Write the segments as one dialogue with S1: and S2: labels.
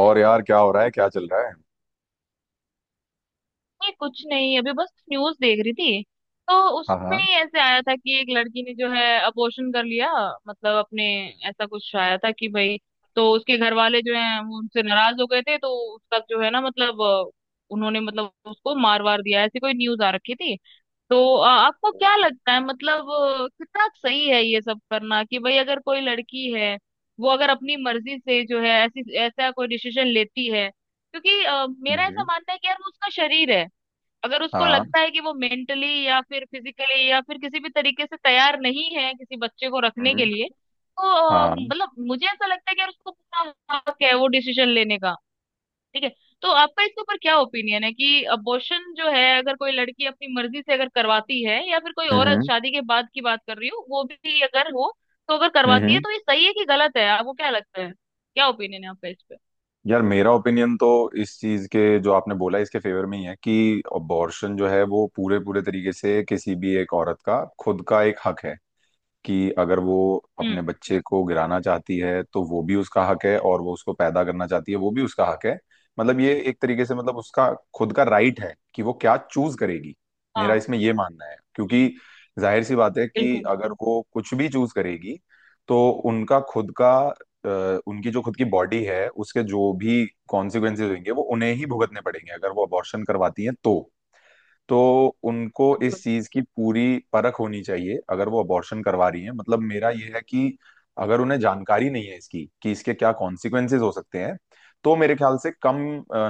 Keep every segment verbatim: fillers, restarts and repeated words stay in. S1: और यार क्या हो रहा है, क्या चल रहा है।
S2: नहीं कुछ नहीं, अभी बस न्यूज देख रही थी। तो
S1: हाँ
S2: उसमें
S1: हाँ।
S2: ही ऐसे आया था कि एक लड़की ने जो है अबॉर्शन कर लिया। मतलब अपने ऐसा कुछ आया था कि भाई तो उसके घर वाले जो है वो उनसे नाराज हो गए थे। तो उसका जो है ना मतलब अ, उन्होंने मतलब उसको मार वार दिया, ऐसी कोई न्यूज आ रखी थी। तो अ, आपको क्या लगता है, मतलब अ, कितना सही है ये सब करना कि भाई अगर कोई लड़की है, वो अगर अपनी मर्जी से जो है ऐसी ऐसा कोई डिसीजन लेती है, क्योंकि अ, मेरा ऐसा
S1: हम्म।
S2: मानना है कि यार वो उसका शरीर है। अगर उसको
S1: हाँ।
S2: लगता है कि वो मेंटली या फिर फिजिकली या फिर किसी भी तरीके से तैयार नहीं है किसी बच्चे को रखने के
S1: हम्म।
S2: लिए, तो अ,
S1: हाँ।
S2: मतलब मुझे ऐसा लगता है कि यार उसको पूरा हक है वो डिसीजन लेने का। ठीक है। तो आपका इसके ऊपर क्या ओपिनियन है कि अबॉर्शन जो है, अगर कोई लड़की अपनी मर्जी से अगर करवाती है, या फिर कोई औरत,
S1: हम्म
S2: शादी के बाद की बात कर रही हूँ, वो भी अगर हो तो अगर करवाती है,
S1: हम्म।
S2: तो ये सही है कि गलत है, आपको क्या लगता है, क्या ओपिनियन है आपका इस पे।
S1: यार मेरा ओपिनियन तो इस चीज के जो आपने बोला इसके फेवर में ही है कि अबॉर्शन जो है वो पूरे पूरे तरीके से किसी भी एक औरत का खुद का एक हक है। कि अगर वो
S2: हम्म।
S1: अपने बच्चे को गिराना चाहती है तो वो भी उसका हक है और वो उसको पैदा करना चाहती है वो भी उसका हक है। मतलब ये एक तरीके से मतलब उसका खुद का राइट है कि वो क्या चूज करेगी। मेरा
S2: हाँ।
S1: इसमें ये मानना है क्योंकि
S2: हम्म।
S1: जाहिर सी बात है कि
S2: बिल्कुल।
S1: अगर वो कुछ भी चूज करेगी तो उनका खुद का अ, उनकी जो खुद की बॉडी है उसके जो भी कॉन्सिक्वेंसेज होंगे वो उन्हें ही भुगतने पड़ेंगे अगर वो अबॉर्शन करवाती है तो। तो उनको
S2: बिल्कुल।
S1: इस चीज की पूरी परख होनी चाहिए अगर वो अबॉर्शन करवा रही हैं। मतलब मेरा ये है कि अगर उन्हें जानकारी नहीं है इसकी कि इसके क्या कॉन्सिक्वेंसेस हो सकते हैं तो मेरे ख्याल से कम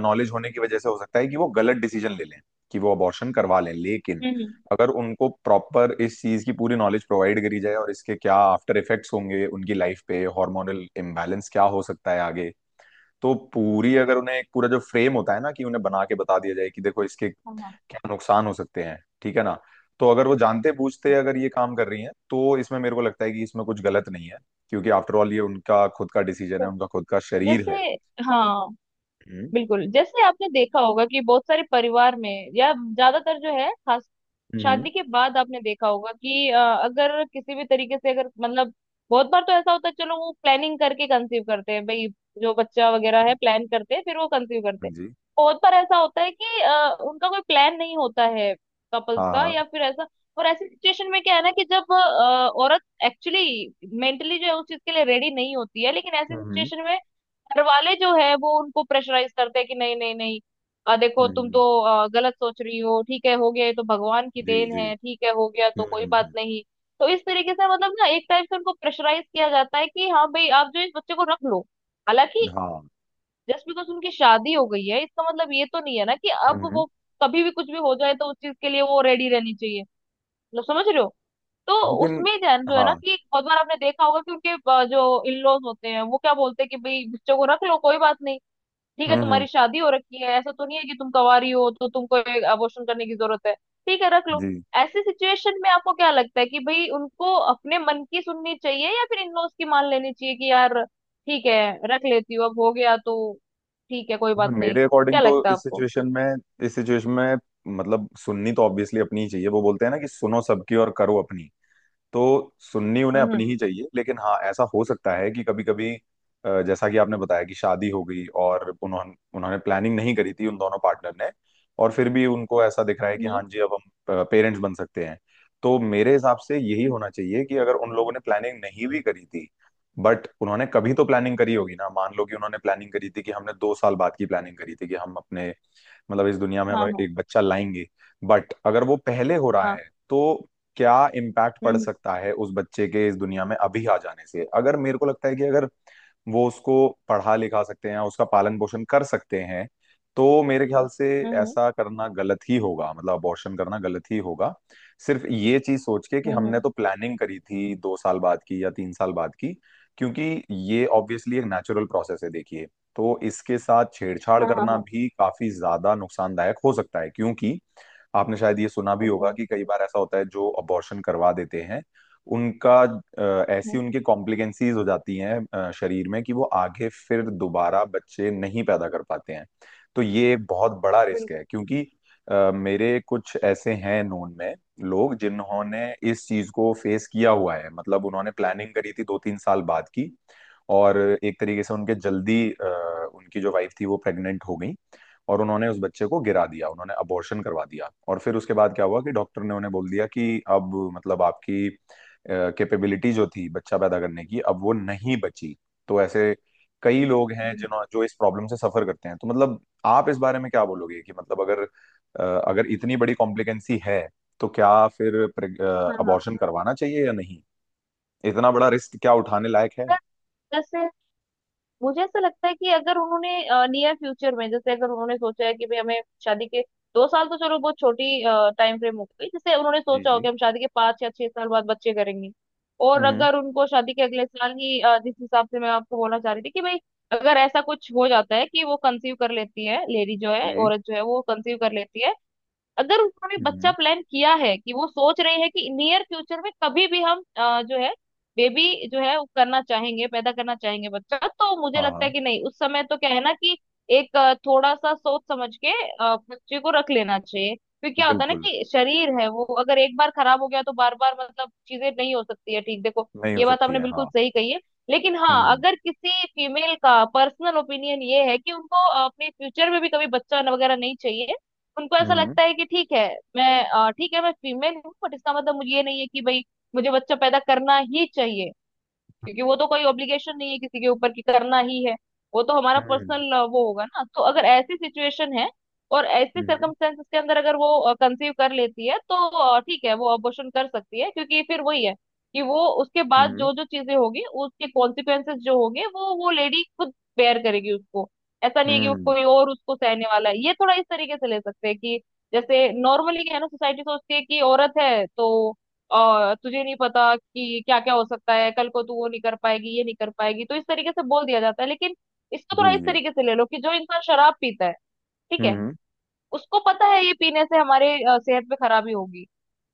S1: नॉलेज होने की वजह से हो सकता है कि वो गलत डिसीजन ले लें कि वो अबॉर्शन करवा लें। लेकिन
S2: हम्म। हम्म।
S1: अगर उनको प्रॉपर इस चीज की पूरी नॉलेज प्रोवाइड करी जाए और इसके क्या आफ्टर इफेक्ट्स होंगे उनकी लाइफ पे, हार्मोनल इम्बैलेंस क्या हो सकता है आगे, तो पूरी अगर उन्हें एक पूरा जो फ्रेम होता है ना कि उन्हें बना के बता दिया जाए कि देखो इसके
S2: हाँ, हाँ।
S1: क्या नुकसान हो सकते हैं, ठीक है ना, तो अगर वो जानते बूझते अगर ये काम कर रही हैं तो इसमें मेरे को लगता है कि इसमें कुछ गलत नहीं है। क्योंकि आफ्टर ऑल ये उनका खुद का डिसीजन है,
S2: तो
S1: उनका खुद का शरीर
S2: जैसे,
S1: है।
S2: हाँ
S1: हम्म
S2: बिल्कुल। जैसे आपने देखा होगा कि बहुत सारे परिवार में, या ज्यादातर जो है खास
S1: हम्म।
S2: शादी के बाद आपने देखा होगा कि अ, अगर किसी भी तरीके से अगर मतलब बहुत बार तो ऐसा होता है, चलो वो प्लानिंग करके कंसीव करते हैं भाई, जो बच्चा वगैरह है प्लान करते हैं फिर वो कंसीव करते
S1: हाँ
S2: हैं।
S1: जी।
S2: बहुत बार ऐसा होता है कि अ, उनका कोई प्लान नहीं होता है कपल्स
S1: हाँ
S2: का,
S1: हाँ।
S2: या फिर ऐसा। और ऐसी सिचुएशन में क्या है ना कि जब अ, औरत एक्चुअली मेंटली जो है उस चीज के लिए रेडी नहीं होती है, लेकिन ऐसी
S1: हम्म
S2: सिचुएशन में घर वाले जो है वो उनको प्रेशराइज करते हैं कि नहीं नहीं नहीं, अ, देखो
S1: हम्म।
S2: तुम
S1: हम्म,
S2: तो अ, गलत सोच रही हो, ठीक है हो गया, ये तो भगवान की
S1: जी
S2: देन
S1: जी।
S2: है, ठीक है हो गया
S1: हम्म
S2: तो कोई बात
S1: हम्म,
S2: नहीं। तो इस तरीके से मतलब ना एक टाइप से उनको प्रेशराइज किया जाता है कि हाँ भाई आप जो इस बच्चे को रख लो,
S1: हम्म,
S2: हालांकि
S1: हाँ।
S2: जस्ट बिकॉज उनकी शादी हो गई है इसका मतलब ये तो नहीं है ना कि
S1: हम्म
S2: अब
S1: हम्म।
S2: वो कभी भी कुछ भी हो जाए तो उस चीज के लिए वो रेडी रहनी चाहिए, मतलब समझ रहे हो। तो
S1: लेकिन
S2: उसमें जो है जो है
S1: हाँ।
S2: ना कि बहुत बार आपने देखा होगा कि उनके अ, जो इन लॉज होते हैं वो क्या बोलते हैं कि भाई बच्चों को रख लो कोई बात नहीं, ठीक है
S1: हम्म हम्म,
S2: तुम्हारी शादी हो रखी है, ऐसा तो नहीं है कि तुम कवारी हो तो तुमको एक अबॉर्शन करने की जरूरत है, ठीक है रख लो।
S1: जी।
S2: ऐसी सिचुएशन में आपको क्या लगता है कि भाई उनको अपने मन की सुननी चाहिए या फिर इन लोग की मान लेनी चाहिए कि यार ठीक है रख लेती हूँ, अब हो गया तो ठीक है कोई
S1: हाँ,
S2: बात नहीं,
S1: मेरे अकॉर्डिंग
S2: क्या
S1: तो
S2: लगता है
S1: इस
S2: आपको।
S1: सिचुएशन में, इस सिचुएशन में मतलब सुननी तो ऑब्वियसली अपनी ही चाहिए। वो बोलते हैं ना कि सुनो सबकी और करो अपनी। तो सुननी उन्हें अपनी
S2: हम्म।
S1: ही चाहिए, लेकिन हाँ ऐसा हो सकता है कि कभी कभी जैसा कि आपने बताया कि शादी हो गई और उन्होंने उन्होंने प्लानिंग नहीं करी थी उन दोनों पार्टनर ने, और फिर भी उनको ऐसा दिख रहा है कि हाँ
S2: हम्म।
S1: जी अब हम पेरेंट्स बन सकते हैं, तो मेरे हिसाब से यही
S2: हम्म, हम्म,
S1: होना चाहिए कि अगर उन लोगों ने प्लानिंग नहीं भी करी थी, बट उन्होंने कभी तो प्लानिंग करी होगी ना। मान लो कि उन्होंने प्लानिंग करी थी कि हमने दो साल बाद की प्लानिंग करी थी कि हम अपने, मतलब इस दुनिया में हम
S2: हाँ, हाँ,
S1: एक बच्चा लाएंगे। बट अगर वो पहले हो रहा
S2: हाँ।
S1: है तो क्या इम्पैक्ट पड़
S2: हम्म।
S1: सकता है उस बच्चे के इस दुनिया में अभी आ जाने से? अगर मेरे को लगता है कि अगर वो उसको पढ़ा लिखा सकते हैं, उसका पालन पोषण कर सकते हैं, तो मेरे ख्याल से
S2: हम्म। हम्म।
S1: ऐसा करना गलत ही होगा, मतलब अबॉर्शन करना गलत ही होगा सिर्फ ये चीज सोच के कि
S2: हम्म,
S1: हमने
S2: हम्म,
S1: तो प्लानिंग करी थी दो साल बाद की या तीन साल बाद की। क्योंकि ये ऑब्वियसली एक नेचुरल प्रोसेस है, देखिए, तो इसके साथ छेड़छाड़
S2: हाँ, हाँ,
S1: करना
S2: हाँ।
S1: भी काफी ज्यादा नुकसानदायक हो सकता है। क्योंकि आपने शायद ये सुना भी होगा
S2: बिल्कुल।
S1: कि कई बार ऐसा होता है जो अबॉर्शन करवा देते हैं, उनका अ, ऐसी
S2: हम्म,
S1: उनकी कॉम्प्लिकेंसीज हो जाती हैं अ, शरीर में कि वो आगे फिर दोबारा बच्चे नहीं पैदा कर पाते हैं। तो ये बहुत बड़ा रिस्क है।
S2: बिल्कुल।
S1: क्योंकि अ, मेरे कुछ ऐसे हैं नोन में लोग जिन्होंने इस चीज को फेस किया हुआ है। मतलब उन्होंने प्लानिंग करी थी दो तीन साल बाद की, और एक तरीके से उनके जल्दी अ, उनकी जो वाइफ थी वो प्रेग्नेंट हो गई, और उन्होंने उस बच्चे को गिरा दिया, उन्होंने अबॉर्शन करवा दिया, और फिर उसके बाद क्या हुआ कि डॉक्टर ने उन्हें बोल दिया कि अब मतलब आपकी कैपेबिलिटी जो थी बच्चा पैदा करने की अब वो नहीं बची। तो ऐसे कई लोग हैं
S2: हम्म,
S1: जिन्हों जो इस प्रॉब्लम से सफर करते हैं। तो मतलब आप इस बारे में क्या बोलोगे कि मतलब अगर अ, अगर इतनी बड़ी कॉम्प्लिकेंसी है तो क्या फिर
S2: हाँ, हाँ।
S1: अबॉर्शन करवाना चाहिए या नहीं? इतना बड़ा रिस्क क्या उठाने लायक है?
S2: जैसे मुझे ऐसा लगता है कि अगर उन्होंने नियर फ्यूचर में, जैसे अगर उन्होंने सोचा है कि भाई हमें शादी के दो साल, तो चलो बहुत छोटी टाइम फ्रेम हो गई, जैसे उन्होंने
S1: जी
S2: सोचा हो कि
S1: जी।
S2: हम शादी के पांच या छह साल बाद बच्चे करेंगे। और
S1: हम्म।
S2: अगर उनको शादी के अगले साल ही अ, जिस हिसाब से मैं आपको बोलना चाह रही थी कि भाई अगर ऐसा कुछ हो जाता है कि वो कंसीव कर लेती है, लेडी जो है
S1: जी।
S2: औरत जो है वो कंसीव कर लेती है। अगर उन्होंने बच्चा
S1: हम्म।
S2: प्लान किया है कि वो सोच रही है कि नियर फ्यूचर में कभी भी हम अ, जो है बेबी जो है वो करना चाहेंगे, पैदा करना चाहेंगे बच्चा, तो मुझे लगता है
S1: हाँ।
S2: कि नहीं उस समय तो क्या है ना कि एक अ, थोड़ा सा सोच समझ के अ, बच्चे को रख लेना चाहिए। फिर क्या होता है ना
S1: बिल्कुल
S2: कि शरीर है वो अगर एक बार खराब हो गया तो बार बार मतलब चीजें नहीं हो सकती है, ठीक देखो।
S1: नहीं हो
S2: ये बात
S1: सकती
S2: आपने
S1: है,
S2: बिल्कुल
S1: हाँ।
S2: सही कही है। लेकिन हाँ,
S1: हम्म।
S2: अगर किसी फीमेल का पर्सनल ओपिनियन ये है कि उनको अ, अपने फ्यूचर में भी कभी बच्चा वगैरह नहीं चाहिए, उनको ऐसा
S1: हम्म
S2: लगता है कि ठीक है, मैं अ, ठीक है मैं फीमेल हूँ बट इसका मतलब मुझे ये नहीं है कि भाई मुझे बच्चा पैदा करना ही चाहिए, क्योंकि वो तो कोई ऑब्लिगेशन नहीं है किसी के ऊपर कि करना ही है, वो तो हमारा
S1: हम्म।
S2: पर्सनल वो होगा ना। तो अगर ऐसी सिचुएशन है और ऐसे
S1: हम्म
S2: सर्कमस्टेंसेस के अंदर अगर वो कंसीव कर लेती है, तो अ, ठीक है वो अबॉर्शन कर सकती है, क्योंकि फिर वही है कि वो उसके बाद
S1: हम्म।
S2: जो जो चीजें होगी उसके कॉन्सिक्वेंसेस जो होंगे, वो वो लेडी खुद बेयर करेगी उसको। ऐसा नहीं है कि वो
S1: हम्म,
S2: कोई और उसको सहने वाला है, ये थोड़ा इस तरीके से ले सकते हैं कि जैसे नॉर्मली क्या है ना, सोसाइटी सोचती है कि औरत है तो, और तुझे नहीं पता कि क्या क्या हो सकता है, कल को तू वो नहीं कर पाएगी ये नहीं कर पाएगी, तो इस तरीके से बोल दिया जाता है। लेकिन इसको
S1: जी
S2: थोड़ा इस
S1: जी।
S2: तरीके से ले लो कि जो इंसान शराब पीता है, ठीक है,
S1: हम्म।
S2: उसको पता है ये पीने से हमारे अ, सेहत पे खराबी होगी,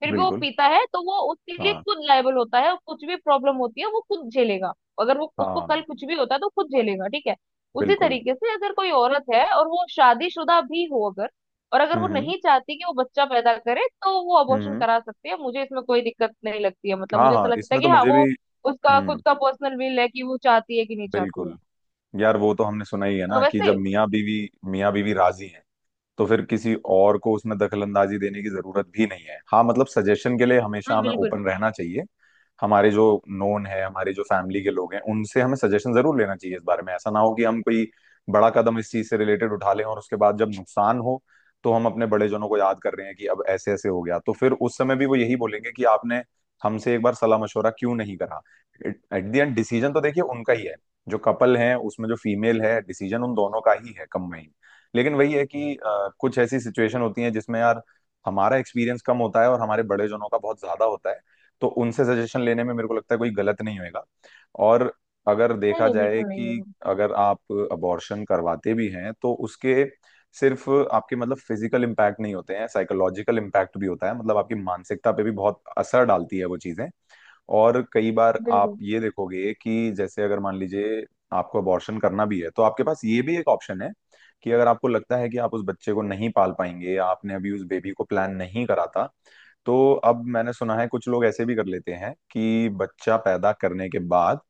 S2: फिर भी वो
S1: बिल्कुल।
S2: पीता है, तो वो उसके लिए
S1: हाँ
S2: खुद लायबल होता है और कुछ भी प्रॉब्लम होती है वो खुद झेलेगा। अगर वो उसको कल
S1: हाँ।
S2: कुछ भी होता है तो खुद झेलेगा, ठीक है। उसी
S1: बिल्कुल।
S2: तरीके से अगर कोई औरत है और वो शादीशुदा भी हो अगर, और अगर वो
S1: हम्म।
S2: नहीं चाहती कि वो बच्चा पैदा करे, तो वो अबॉर्शन
S1: हम्म।
S2: करा सकती है, मुझे इसमें कोई दिक्कत नहीं लगती है, मतलब
S1: हाँ
S2: मुझे ऐसा
S1: हाँ
S2: लगता है
S1: इसमें
S2: कि
S1: तो
S2: हाँ
S1: मुझे भी।
S2: वो उसका
S1: हम्म।
S2: खुद का पर्सनल विल है कि वो चाहती है कि नहीं चाहती है।
S1: बिल्कुल। यार वो तो हमने सुना ही है
S2: हाँ,
S1: ना कि जब
S2: वैसे।
S1: मियाँ बीवी, मियाँ बीवी राजी हैं तो फिर किसी और को उसमें दखलंदाजी देने की जरूरत भी नहीं है। हाँ मतलब सजेशन के लिए हमेशा
S2: हाँ
S1: हमें
S2: बिल्कुल।
S1: ओपन रहना चाहिए। हमारे जो नोन है, हमारे जो फैमिली के लोग हैं, उनसे हमें सजेशन जरूर लेना चाहिए इस बारे में। ऐसा ना हो कि हम कोई बड़ा कदम इस चीज से रिलेटेड उठा लें और उसके बाद जब नुकसान हो तो हम अपने बड़े जनों को याद कर रहे हैं कि अब ऐसे ऐसे हो गया, तो फिर उस समय भी वो यही बोलेंगे कि आपने हमसे एक बार सलाह मशवरा क्यों नहीं करा। एट द एंड डिसीजन तो देखिए उनका ही है। जो कपल है उसमें जो फीमेल है, डिसीजन उन दोनों का ही है कंबाइन। लेकिन वही है कि अ, कुछ ऐसी सिचुएशन होती है जिसमें यार हमारा एक्सपीरियंस कम होता है और हमारे बड़े जनों का बहुत ज्यादा होता है, तो उनसे सजेशन लेने में मेरे को लगता है कोई गलत नहीं होएगा। और अगर
S2: नहीं
S1: देखा
S2: नहीं,
S1: जाए
S2: बिल्कुल नहीं
S1: कि
S2: होगा।
S1: अगर आप अबॉर्शन करवाते भी हैं तो उसके सिर्फ आपके मतलब फिजिकल इम्पैक्ट नहीं होते हैं, साइकोलॉजिकल इम्पैक्ट भी होता है, मतलब आपकी मानसिकता पे भी बहुत असर डालती है वो चीजें। और कई बार आप
S2: बिल्कुल।
S1: ये देखोगे कि जैसे अगर मान लीजिए आपको अबॉर्शन करना भी है तो आपके पास ये भी एक ऑप्शन है कि अगर आपको लगता है कि आप उस बच्चे को नहीं पाल पाएंगे, आपने अभी उस बेबी को प्लान नहीं करा था, तो अब मैंने सुना है कुछ लोग ऐसे भी कर लेते हैं कि बच्चा पैदा करने के बाद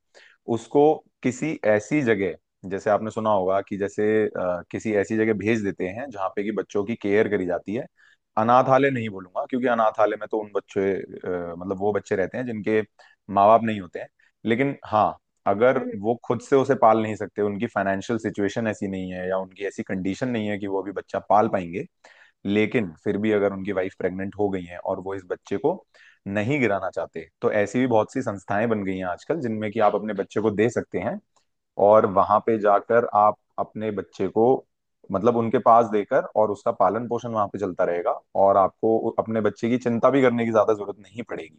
S1: उसको किसी ऐसी जगह, जैसे आपने सुना होगा कि जैसे अ, किसी ऐसी जगह भेज देते हैं जहाँ पे कि बच्चों की केयर करी जाती है। अनाथालय नहीं बोलूंगा क्योंकि अनाथालय में तो उन बच्चे अ, मतलब वो बच्चे रहते हैं जिनके माँ बाप नहीं होते हैं। लेकिन हाँ अगर
S2: हम्म।
S1: वो खुद से उसे पाल नहीं सकते, उनकी फाइनेंशियल सिचुएशन ऐसी नहीं है या उनकी ऐसी कंडीशन नहीं है कि वो अभी बच्चा पाल पाएंगे, लेकिन फिर भी अगर उनकी वाइफ प्रेग्नेंट हो गई है और वो इस बच्चे को नहीं गिराना चाहते, तो ऐसी भी बहुत सी संस्थाएं बन गई हैं आजकल जिनमें कि आप अपने बच्चे को दे सकते हैं, और वहां पे जाकर आप अपने बच्चे को मतलब उनके पास देकर, और उसका पालन पोषण वहां पे चलता रहेगा, और आपको अपने बच्चे की चिंता भी करने की ज्यादा जरूरत नहीं पड़ेगी।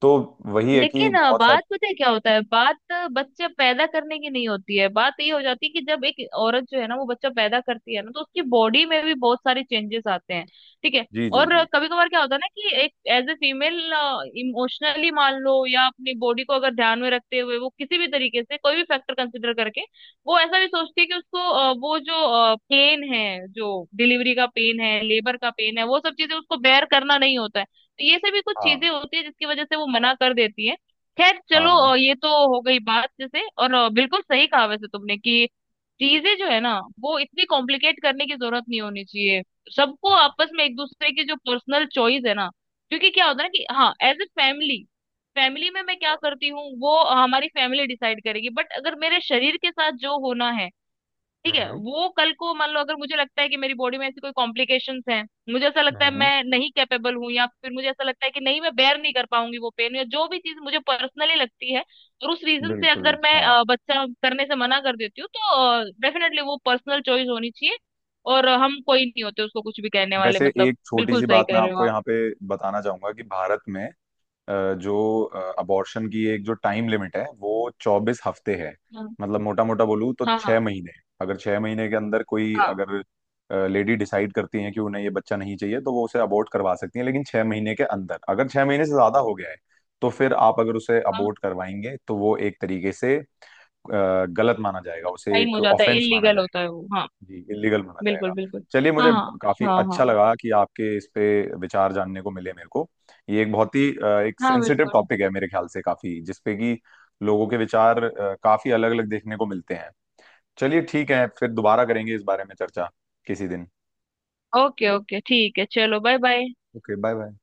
S1: तो वही है कि
S2: लेकिन अ,
S1: बहुत सारी।
S2: बात पता है क्या होता है, बात अ, बच्चे पैदा करने की नहीं होती है, बात ये हो जाती है कि जब एक औरत जो है ना वो बच्चा पैदा करती है ना, तो उसकी बॉडी में भी बहुत सारे चेंजेस आते हैं, ठीक है।
S1: जी जी
S2: और
S1: जी।
S2: कभी कभार क्या होता है ना कि एक एज ए फीमेल इमोशनली मान लो, या अपनी बॉडी को अगर ध्यान में रखते हुए वो किसी भी तरीके से कोई भी फैक्टर कंसिडर करके वो ऐसा भी सोचती है कि उसको अ, वो जो पेन है, जो डिलीवरी का पेन है, लेबर का पेन है, वो सब चीजें उसको बेयर करना नहीं होता है, तो ये सभी कुछ
S1: हाँ
S2: चीजें होती है जिसकी वजह से वो मना कर देती है। खैर
S1: हाँ
S2: चलो,
S1: हाँ।
S2: अ, ये तो हो गई बात, जैसे और अ, बिल्कुल सही कहा वैसे तुमने कि चीजें जो है ना वो इतनी कॉम्प्लिकेट करने की जरूरत नहीं होनी चाहिए, सबको आपस
S1: हम्म
S2: में एक दूसरे की जो पर्सनल चॉइस है ना। क्योंकि क्या होता है ना कि हाँ एज ए फैमिली, फैमिली में मैं क्या करती हूँ वो हमारी फैमिली डिसाइड करेगी, बट अगर मेरे शरीर के साथ जो होना है, ठीक है
S1: हम्म।
S2: वो कल को मान लो अगर मुझे लगता है कि मेरी बॉडी में ऐसी कोई कॉम्प्लिकेशंस हैं, मुझे ऐसा लगता है
S1: हम्म,
S2: मैं नहीं कैपेबल हूँ, या फिर मुझे ऐसा लगता है कि नहीं मैं बेयर नहीं कर पाऊंगी वो पेन या जो भी चीज मुझे पर्सनली लगती है, और उस रीजन से
S1: बिल्कुल
S2: अगर मैं
S1: हाँ।
S2: अ, बच्चा करने से मना कर देती हूँ, तो डेफिनेटली वो पर्सनल चॉइस होनी चाहिए। और अ, हम कोई नहीं होते उसको कुछ भी कहने वाले,
S1: वैसे
S2: मतलब
S1: एक छोटी
S2: बिल्कुल
S1: सी
S2: सही
S1: बात
S2: कह
S1: मैं
S2: रहे हो
S1: आपको
S2: आप।
S1: यहाँ पे बताना चाहूंगा कि भारत में अ, जो अबॉर्शन की एक जो टाइम लिमिट है वो चौबीस हफ्ते है।
S2: हाँ,
S1: मतलब मोटा मोटा बोलूँ तो
S2: हाँ,
S1: छह
S2: हाँ,
S1: महीने अगर छह महीने के अंदर कोई
S2: हाँ,
S1: अगर लेडी डिसाइड करती है कि उन्हें ये बच्चा नहीं चाहिए तो वो उसे अबॉर्ट करवा सकती है। लेकिन छह महीने के अंदर, अगर छह महीने से ज्यादा हो गया है तो फिर आप अगर उसे
S2: हाँ।
S1: अबॉर्ट करवाएंगे तो वो एक तरीके से अ, गलत माना जाएगा, उसे
S2: टाइम
S1: एक
S2: हो जाता है
S1: ऑफेंस माना
S2: इलीगल होता
S1: जाएगा।
S2: है वो, हाँ।
S1: जी इलीगल माना
S2: बिल्कुल,
S1: जाएगा।
S2: बिल्कुल।
S1: चलिए
S2: हाँ,
S1: मुझे
S2: हाँ,
S1: काफी
S2: हाँ, हाँ,
S1: अच्छा लगा कि आपके इस पे विचार जानने को मिले मेरे को। ये एक बहुत ही अ, एक
S2: हाँ,
S1: सेंसिटिव
S2: बिल्कुल।
S1: टॉपिक है मेरे ख्याल से काफी, जिसपे कि लोगों के विचार अ, काफी अलग अलग देखने को मिलते हैं। चलिए ठीक है, फिर दोबारा करेंगे इस बारे में चर्चा किसी दिन।
S2: ओके ओके, ठीक है चलो, bye bye.
S1: Okay bye bye.